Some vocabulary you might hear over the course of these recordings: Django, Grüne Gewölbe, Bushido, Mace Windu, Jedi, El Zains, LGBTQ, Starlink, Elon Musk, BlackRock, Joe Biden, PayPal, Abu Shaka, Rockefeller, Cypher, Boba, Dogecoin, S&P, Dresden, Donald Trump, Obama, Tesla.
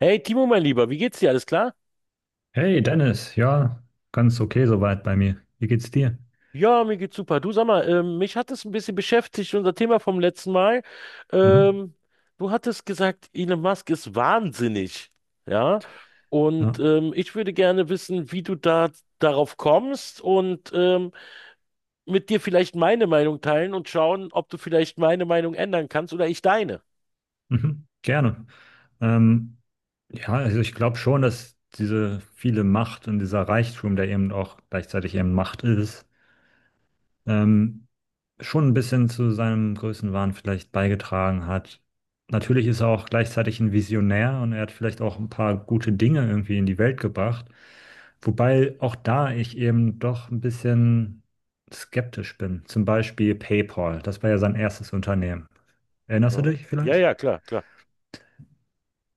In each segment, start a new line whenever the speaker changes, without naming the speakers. Hey Timo, mein Lieber, wie geht's dir? Alles klar?
Hey Dennis, ja, ganz okay soweit bei mir. Wie geht's dir?
Ja, mir geht's super. Du sag mal, mich hat es ein bisschen beschäftigt, unser Thema vom letzten Mal.
Mhm,
Ähm, du hattest gesagt, Elon Musk ist wahnsinnig. Ja, und
ja,
ich würde gerne wissen, wie du da darauf kommst und mit dir vielleicht meine Meinung teilen und schauen, ob du vielleicht meine Meinung ändern kannst oder ich deine.
mhm, gerne. Ähm, ja, also ich glaube schon, dass diese viele Macht und dieser Reichtum, der eben auch gleichzeitig eben Macht ist, ähm, schon ein bisschen zu seinem Größenwahn vielleicht beigetragen hat. Natürlich ist er auch gleichzeitig ein Visionär und er hat vielleicht auch ein paar gute Dinge irgendwie in die Welt gebracht. Wobei auch da ich eben doch ein bisschen skeptisch bin. Zum Beispiel PayPal, das war ja sein erstes Unternehmen. Erinnerst du
Ja,
dich
ja,
vielleicht?
ja, klar, klar.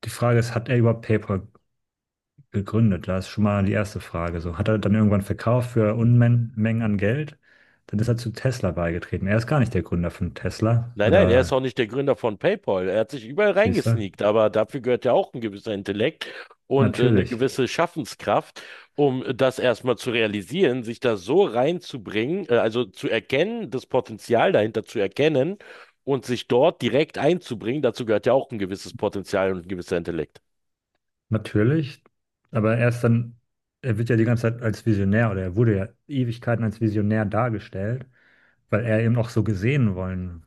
Die Frage ist, hat er überhaupt PayPal gegründet? Da ist schon mal die erste Frage. So, hat er dann irgendwann verkauft für Unmengen an Geld? Dann ist er zu Tesla beigetreten. Er ist gar nicht der Gründer von Tesla
Nein, nein, er ist
oder?
auch nicht der Gründer von PayPal. Er hat sich überall
Siehst du?
reingesneakt, aber dafür gehört ja auch ein gewisser Intellekt und eine
Natürlich,
gewisse Schaffenskraft, um das erstmal zu realisieren, sich da so reinzubringen, also zu erkennen, das Potenzial dahinter zu erkennen und sich dort direkt einzubringen. Dazu gehört ja auch ein gewisses Potenzial und ein gewisser Intellekt.
natürlich. Aber erst dann, er wird ja die ganze Zeit als Visionär, oder er wurde ja Ewigkeiten als Visionär dargestellt, weil er eben auch so gesehen wollen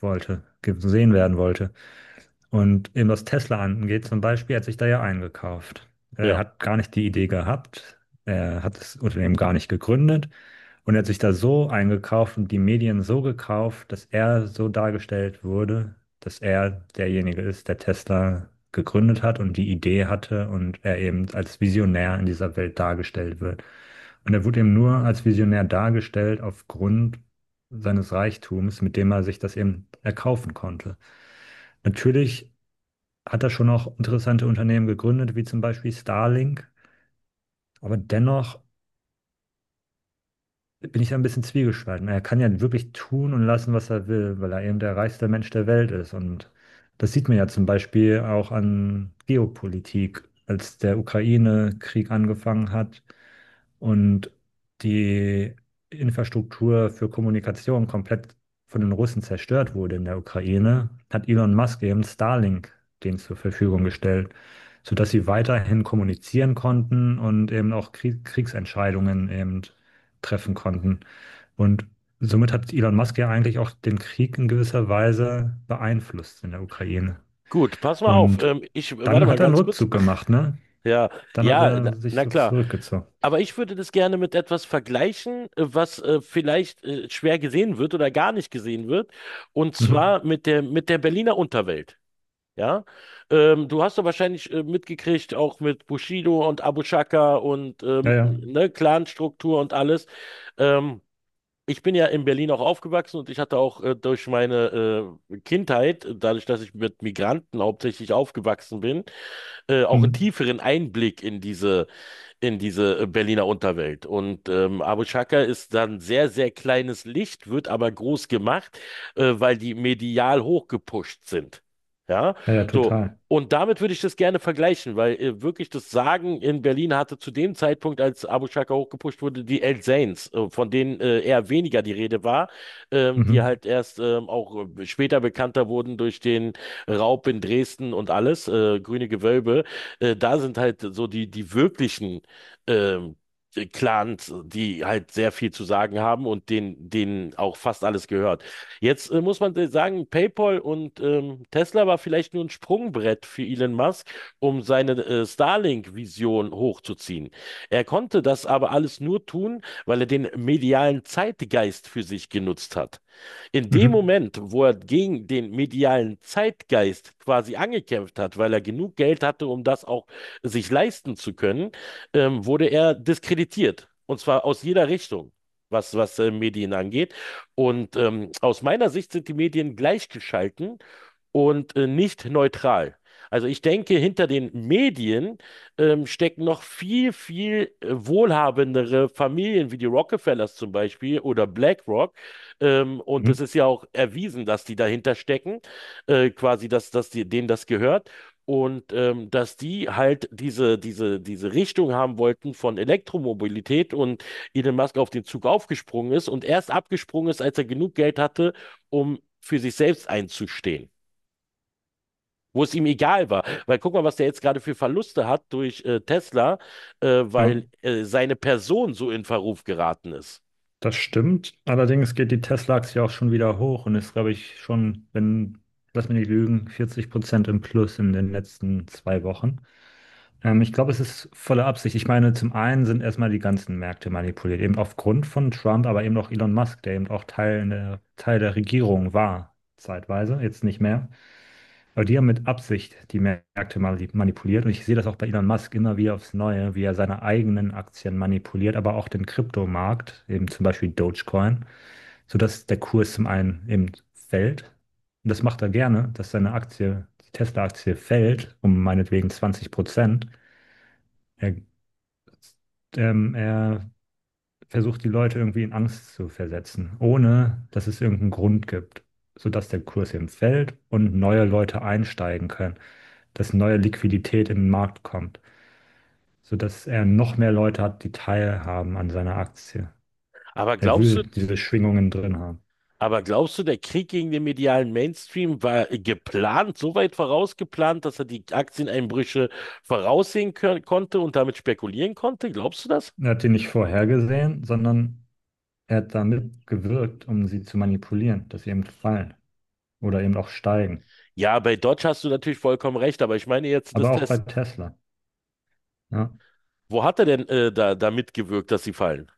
wollte, gesehen werden wollte. Und eben was Tesla angeht, zum Beispiel, er hat sich da ja eingekauft. Er
Ja.
hat gar nicht die Idee gehabt. Er hat das Unternehmen gar nicht gegründet. Und er hat sich da so eingekauft und die Medien so gekauft, dass er so dargestellt wurde, dass er derjenige ist, der Tesla gegründet hat und die Idee hatte und er eben als Visionär in dieser Welt dargestellt wird. Und er wurde eben nur als Visionär dargestellt aufgrund seines Reichtums, mit dem er sich das eben erkaufen konnte. Natürlich hat er schon auch interessante Unternehmen gegründet, wie zum Beispiel Starlink, aber dennoch bin ich da ein bisschen zwiegespalten. Er kann ja wirklich tun und lassen, was er will, weil er eben der reichste Mensch der Welt ist. Und das sieht man ja zum Beispiel auch an Geopolitik. Als der Ukraine-Krieg angefangen hat und die Infrastruktur für Kommunikation komplett von den Russen zerstört wurde in der Ukraine, hat Elon Musk eben Starlink denen zur Verfügung gestellt, sodass sie weiterhin kommunizieren konnten und eben auch Kriegsentscheidungen eben treffen konnten. Und somit hat Elon Musk ja eigentlich auch den Krieg in gewisser Weise beeinflusst in der Ukraine.
Gut, pass mal auf.
Und
Warte
dann
mal
hat er einen
ganz kurz.
Rückzug gemacht, ne?
Ja,
Dann hat
ja, na,
er sich
na
so
klar.
zurückgezogen.
Aber ich würde das gerne mit etwas vergleichen, was vielleicht schwer gesehen wird oder gar nicht gesehen wird, und
Mhm.
zwar mit der Berliner Unterwelt. Ja, du hast doch wahrscheinlich mitgekriegt, auch mit Bushido und Abu Shaka und
Ja, ja.
ne, Clanstruktur und alles. Ähm, ich bin ja in Berlin auch aufgewachsen und ich hatte auch durch meine Kindheit, dadurch, dass ich mit Migranten hauptsächlich aufgewachsen bin, auch einen
Mhm.
tieferen Einblick in diese in diese Berliner Unterwelt. Und Abu Chaka ist dann sehr, sehr kleines Licht, wird aber groß gemacht, weil die medial hochgepusht sind. Ja,
Ja, ja,
so.
total.
Und damit würde ich das gerne vergleichen, weil wirklich das Sagen in Berlin hatte zu dem Zeitpunkt, als Abu Shaka hochgepusht wurde, die El Zains, von denen eher weniger die Rede war, die
Mhm.
halt erst auch später bekannter wurden durch den Raub in Dresden und alles, Grüne Gewölbe. Da sind halt so die wirklichen ähm, Clans, die halt sehr viel zu sagen haben und denen auch fast alles gehört. Jetzt muss man sagen, PayPal und Tesla war vielleicht nur ein Sprungbrett für Elon Musk, um seine Starlink-Vision hochzuziehen. Er konnte das aber alles nur tun, weil er den medialen Zeitgeist für sich genutzt hat. In dem
Mhm.
Moment, wo er gegen den medialen Zeitgeist quasi angekämpft hat, weil er genug Geld hatte, um das auch sich leisten zu können, wurde er diskreditiert. Und zwar aus jeder Richtung, was Medien angeht. Und aus meiner Sicht sind die Medien gleichgeschalten und nicht neutral. Also ich denke, hinter den Medien stecken noch viel, viel wohlhabendere Familien wie die Rockefellers zum Beispiel oder BlackRock. Und
Mhm.
es ist ja auch erwiesen, dass die dahinter stecken, quasi, dass die, denen das gehört. Und dass die halt diese Richtung haben wollten von Elektromobilität und Elon Musk auf den Zug aufgesprungen ist und erst abgesprungen ist, als er genug Geld hatte, um für sich selbst einzustehen, wo es ihm egal war. Weil guck mal, was der jetzt gerade für Verluste hat durch Tesla,
Ja,
weil seine Person so in Verruf geraten ist.
das stimmt. Allerdings geht die Tesla-Aktie auch schon wieder hoch und ist, glaube ich, schon, wenn, lass mich nicht lügen, 40% im Plus in den letzten 2 Wochen. Ich glaube, es ist volle Absicht. Ich meine, zum einen sind erstmal die ganzen Märkte manipuliert, eben aufgrund von Trump, aber eben auch Elon Musk, der eben auch Teil der Regierung war, zeitweise, jetzt nicht mehr. Aber die haben mit Absicht die Märkte manipuliert. Und ich sehe das auch bei Elon Musk immer wieder aufs Neue, wie er seine eigenen Aktien manipuliert, aber auch den Kryptomarkt, eben zum Beispiel Dogecoin, sodass der Kurs zum einen eben fällt. Und das macht er gerne, dass seine Aktie, die Tesla-Aktie, fällt, um meinetwegen 20%. Er er versucht die Leute irgendwie in Angst zu versetzen, ohne dass es irgendeinen Grund gibt, sodass der Kurs eben fällt und neue Leute einsteigen können, dass neue Liquidität in den Markt kommt, sodass er noch mehr Leute hat, die teilhaben an seiner Aktie.
Aber
Er
glaubst du,
will diese Schwingungen drin haben.
aber glaubst du, der Krieg gegen den medialen Mainstream war geplant, so weit vorausgeplant, dass er die Aktieneinbrüche voraussehen konnte und damit spekulieren konnte? Glaubst du das?
Er hat die nicht vorhergesehen, sondern er hat damit gewirkt, um sie zu manipulieren, dass sie eben fallen oder eben auch steigen.
Ja, bei Dodge hast du natürlich vollkommen recht, aber ich meine jetzt das.
Aber auch bei Tesla. Ja,
Wo hat er denn da, da mitgewirkt, dass sie fallen?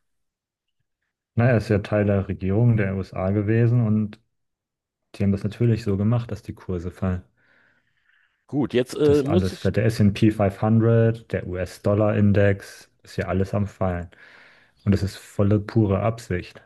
naja, ist ja Teil der Regierung der USA gewesen, und die haben das natürlich so gemacht, dass die Kurse fallen.
Gut, jetzt äh,
Das
muss
alles
ich,
fällt. Der S&P 500, der US-Dollar-Index, ist ja alles am Fallen. Und das ist volle pure Absicht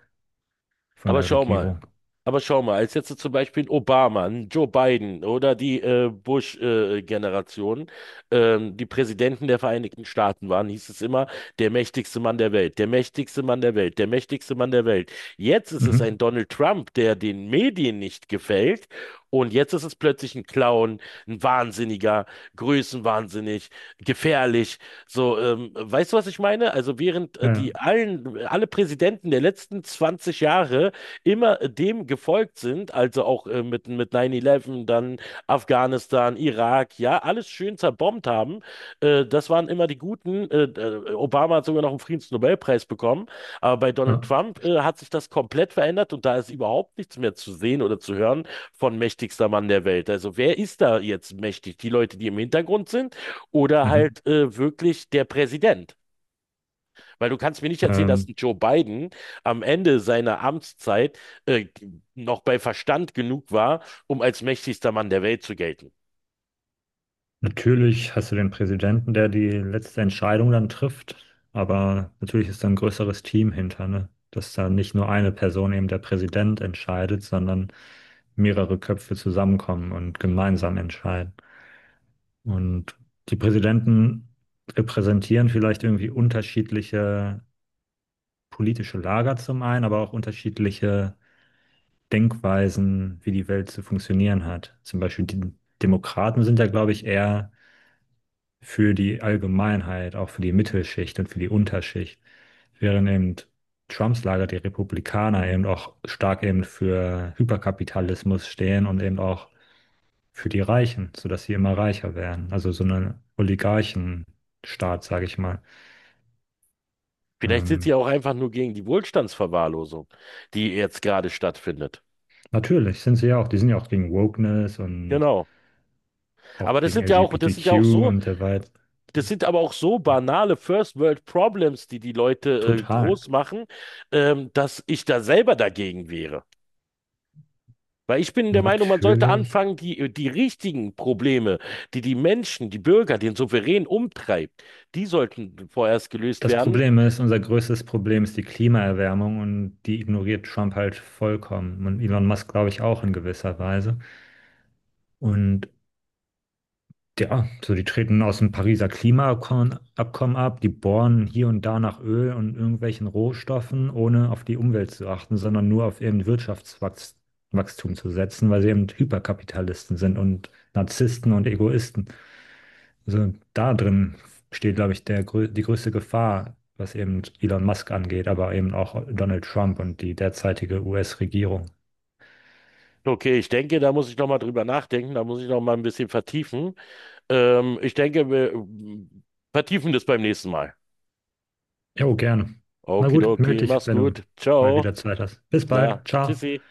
von
aber
der
schau mal.
Regierung.
Aber schau mal, als jetzt zum Beispiel ein Obama, ein Joe Biden oder die Bush-Generation, die Präsidenten der Vereinigten Staaten waren, hieß es immer, der mächtigste Mann der Welt, der mächtigste Mann der Welt, der mächtigste Mann der Welt. Jetzt ist es
Mhm.
ein Donald Trump, der den Medien nicht gefällt. Und jetzt ist es plötzlich ein Clown, ein Wahnsinniger, größenwahnsinnig, gefährlich. So, weißt du, was ich meine? Also während
Ja, ja.
alle Präsidenten der letzten 20 Jahre immer dem gefolgt sind, also auch mit 9-11, dann Afghanistan, Irak, ja, alles schön zerbombt haben, das waren immer die Guten. Obama hat sogar noch einen Friedensnobelpreis bekommen. Aber bei Donald
Ja.
Trump hat sich das komplett verändert und da ist überhaupt nichts mehr zu sehen oder zu hören von mächtigster Mann der Welt. Also wer ist da jetzt mächtig? Die Leute, die im Hintergrund sind oder
Mhm.
halt wirklich der Präsident? Weil du kannst mir nicht erzählen, dass ein
Ähm,
Joe Biden am Ende seiner Amtszeit äh, noch bei Verstand genug war, um als mächtigster Mann der Welt zu gelten.
natürlich hast du den Präsidenten, der die letzte Entscheidung dann trifft, aber natürlich ist da ein größeres Team hinter, ne? Dass da nicht nur eine Person, eben der Präsident, entscheidet, sondern mehrere Köpfe zusammenkommen und gemeinsam entscheiden. Und die Präsidenten repräsentieren vielleicht irgendwie unterschiedliche politische Lager zum einen, aber auch unterschiedliche Denkweisen, wie die Welt zu funktionieren hat. Zum Beispiel, die Demokraten sind ja, glaube ich, eher für die Allgemeinheit, auch für die Mittelschicht und für die Unterschicht, während eben Trumps Lager, die Republikaner, eben auch stark eben für Hyperkapitalismus stehen und eben auch für die Reichen, sodass sie immer reicher werden. Also so ein Oligarchenstaat, sage ich mal.
Vielleicht sind
Ähm,
sie auch einfach nur gegen die Wohlstandsverwahrlosung, die jetzt gerade stattfindet.
natürlich sind sie ja auch, die sind ja auch gegen Wokeness und
Genau. Aber
auch
das
gegen
sind ja auch, das sind ja auch
LGBTQ
so
und so weiter.
Das sind aber auch so banale First World Problems, die die Leute
Total.
groß machen, dass ich da selber dagegen wäre. Weil ich bin der Meinung, man sollte
Natürlich.
anfangen, die richtigen Probleme, die die Menschen, die Bürger, den Souverän umtreibt, die sollten vorerst gelöst
Das
werden.
Problem ist, unser größtes Problem ist die Klimaerwärmung, und die ignoriert Trump halt vollkommen. Und Elon Musk, glaube ich, auch in gewisser Weise. Und ja, so, die treten aus dem Pariser Klimaabkommen Abkommen ab, die bohren hier und da nach Öl und irgendwelchen Rohstoffen, ohne auf die Umwelt zu achten, sondern nur auf eben Wirtschaftswachstum zu setzen, weil sie eben Hyperkapitalisten sind und Narzissten und Egoisten. Also da drin steht, glaube ich, die größte Gefahr, was eben Elon Musk angeht, aber eben auch Donald Trump und die derzeitige US-Regierung.
Okay, ich denke, da muss ich noch mal drüber nachdenken, da muss ich noch mal ein bisschen vertiefen. Ich denke, wir vertiefen das beim nächsten Mal.
Jo, gerne. Na gut, melde
Okidoki,
dich,
mach's
wenn du
gut.
mal
Ciao.
wieder Zeit hast. Bis
Klar.
bald. Ciao.
Tschüssi.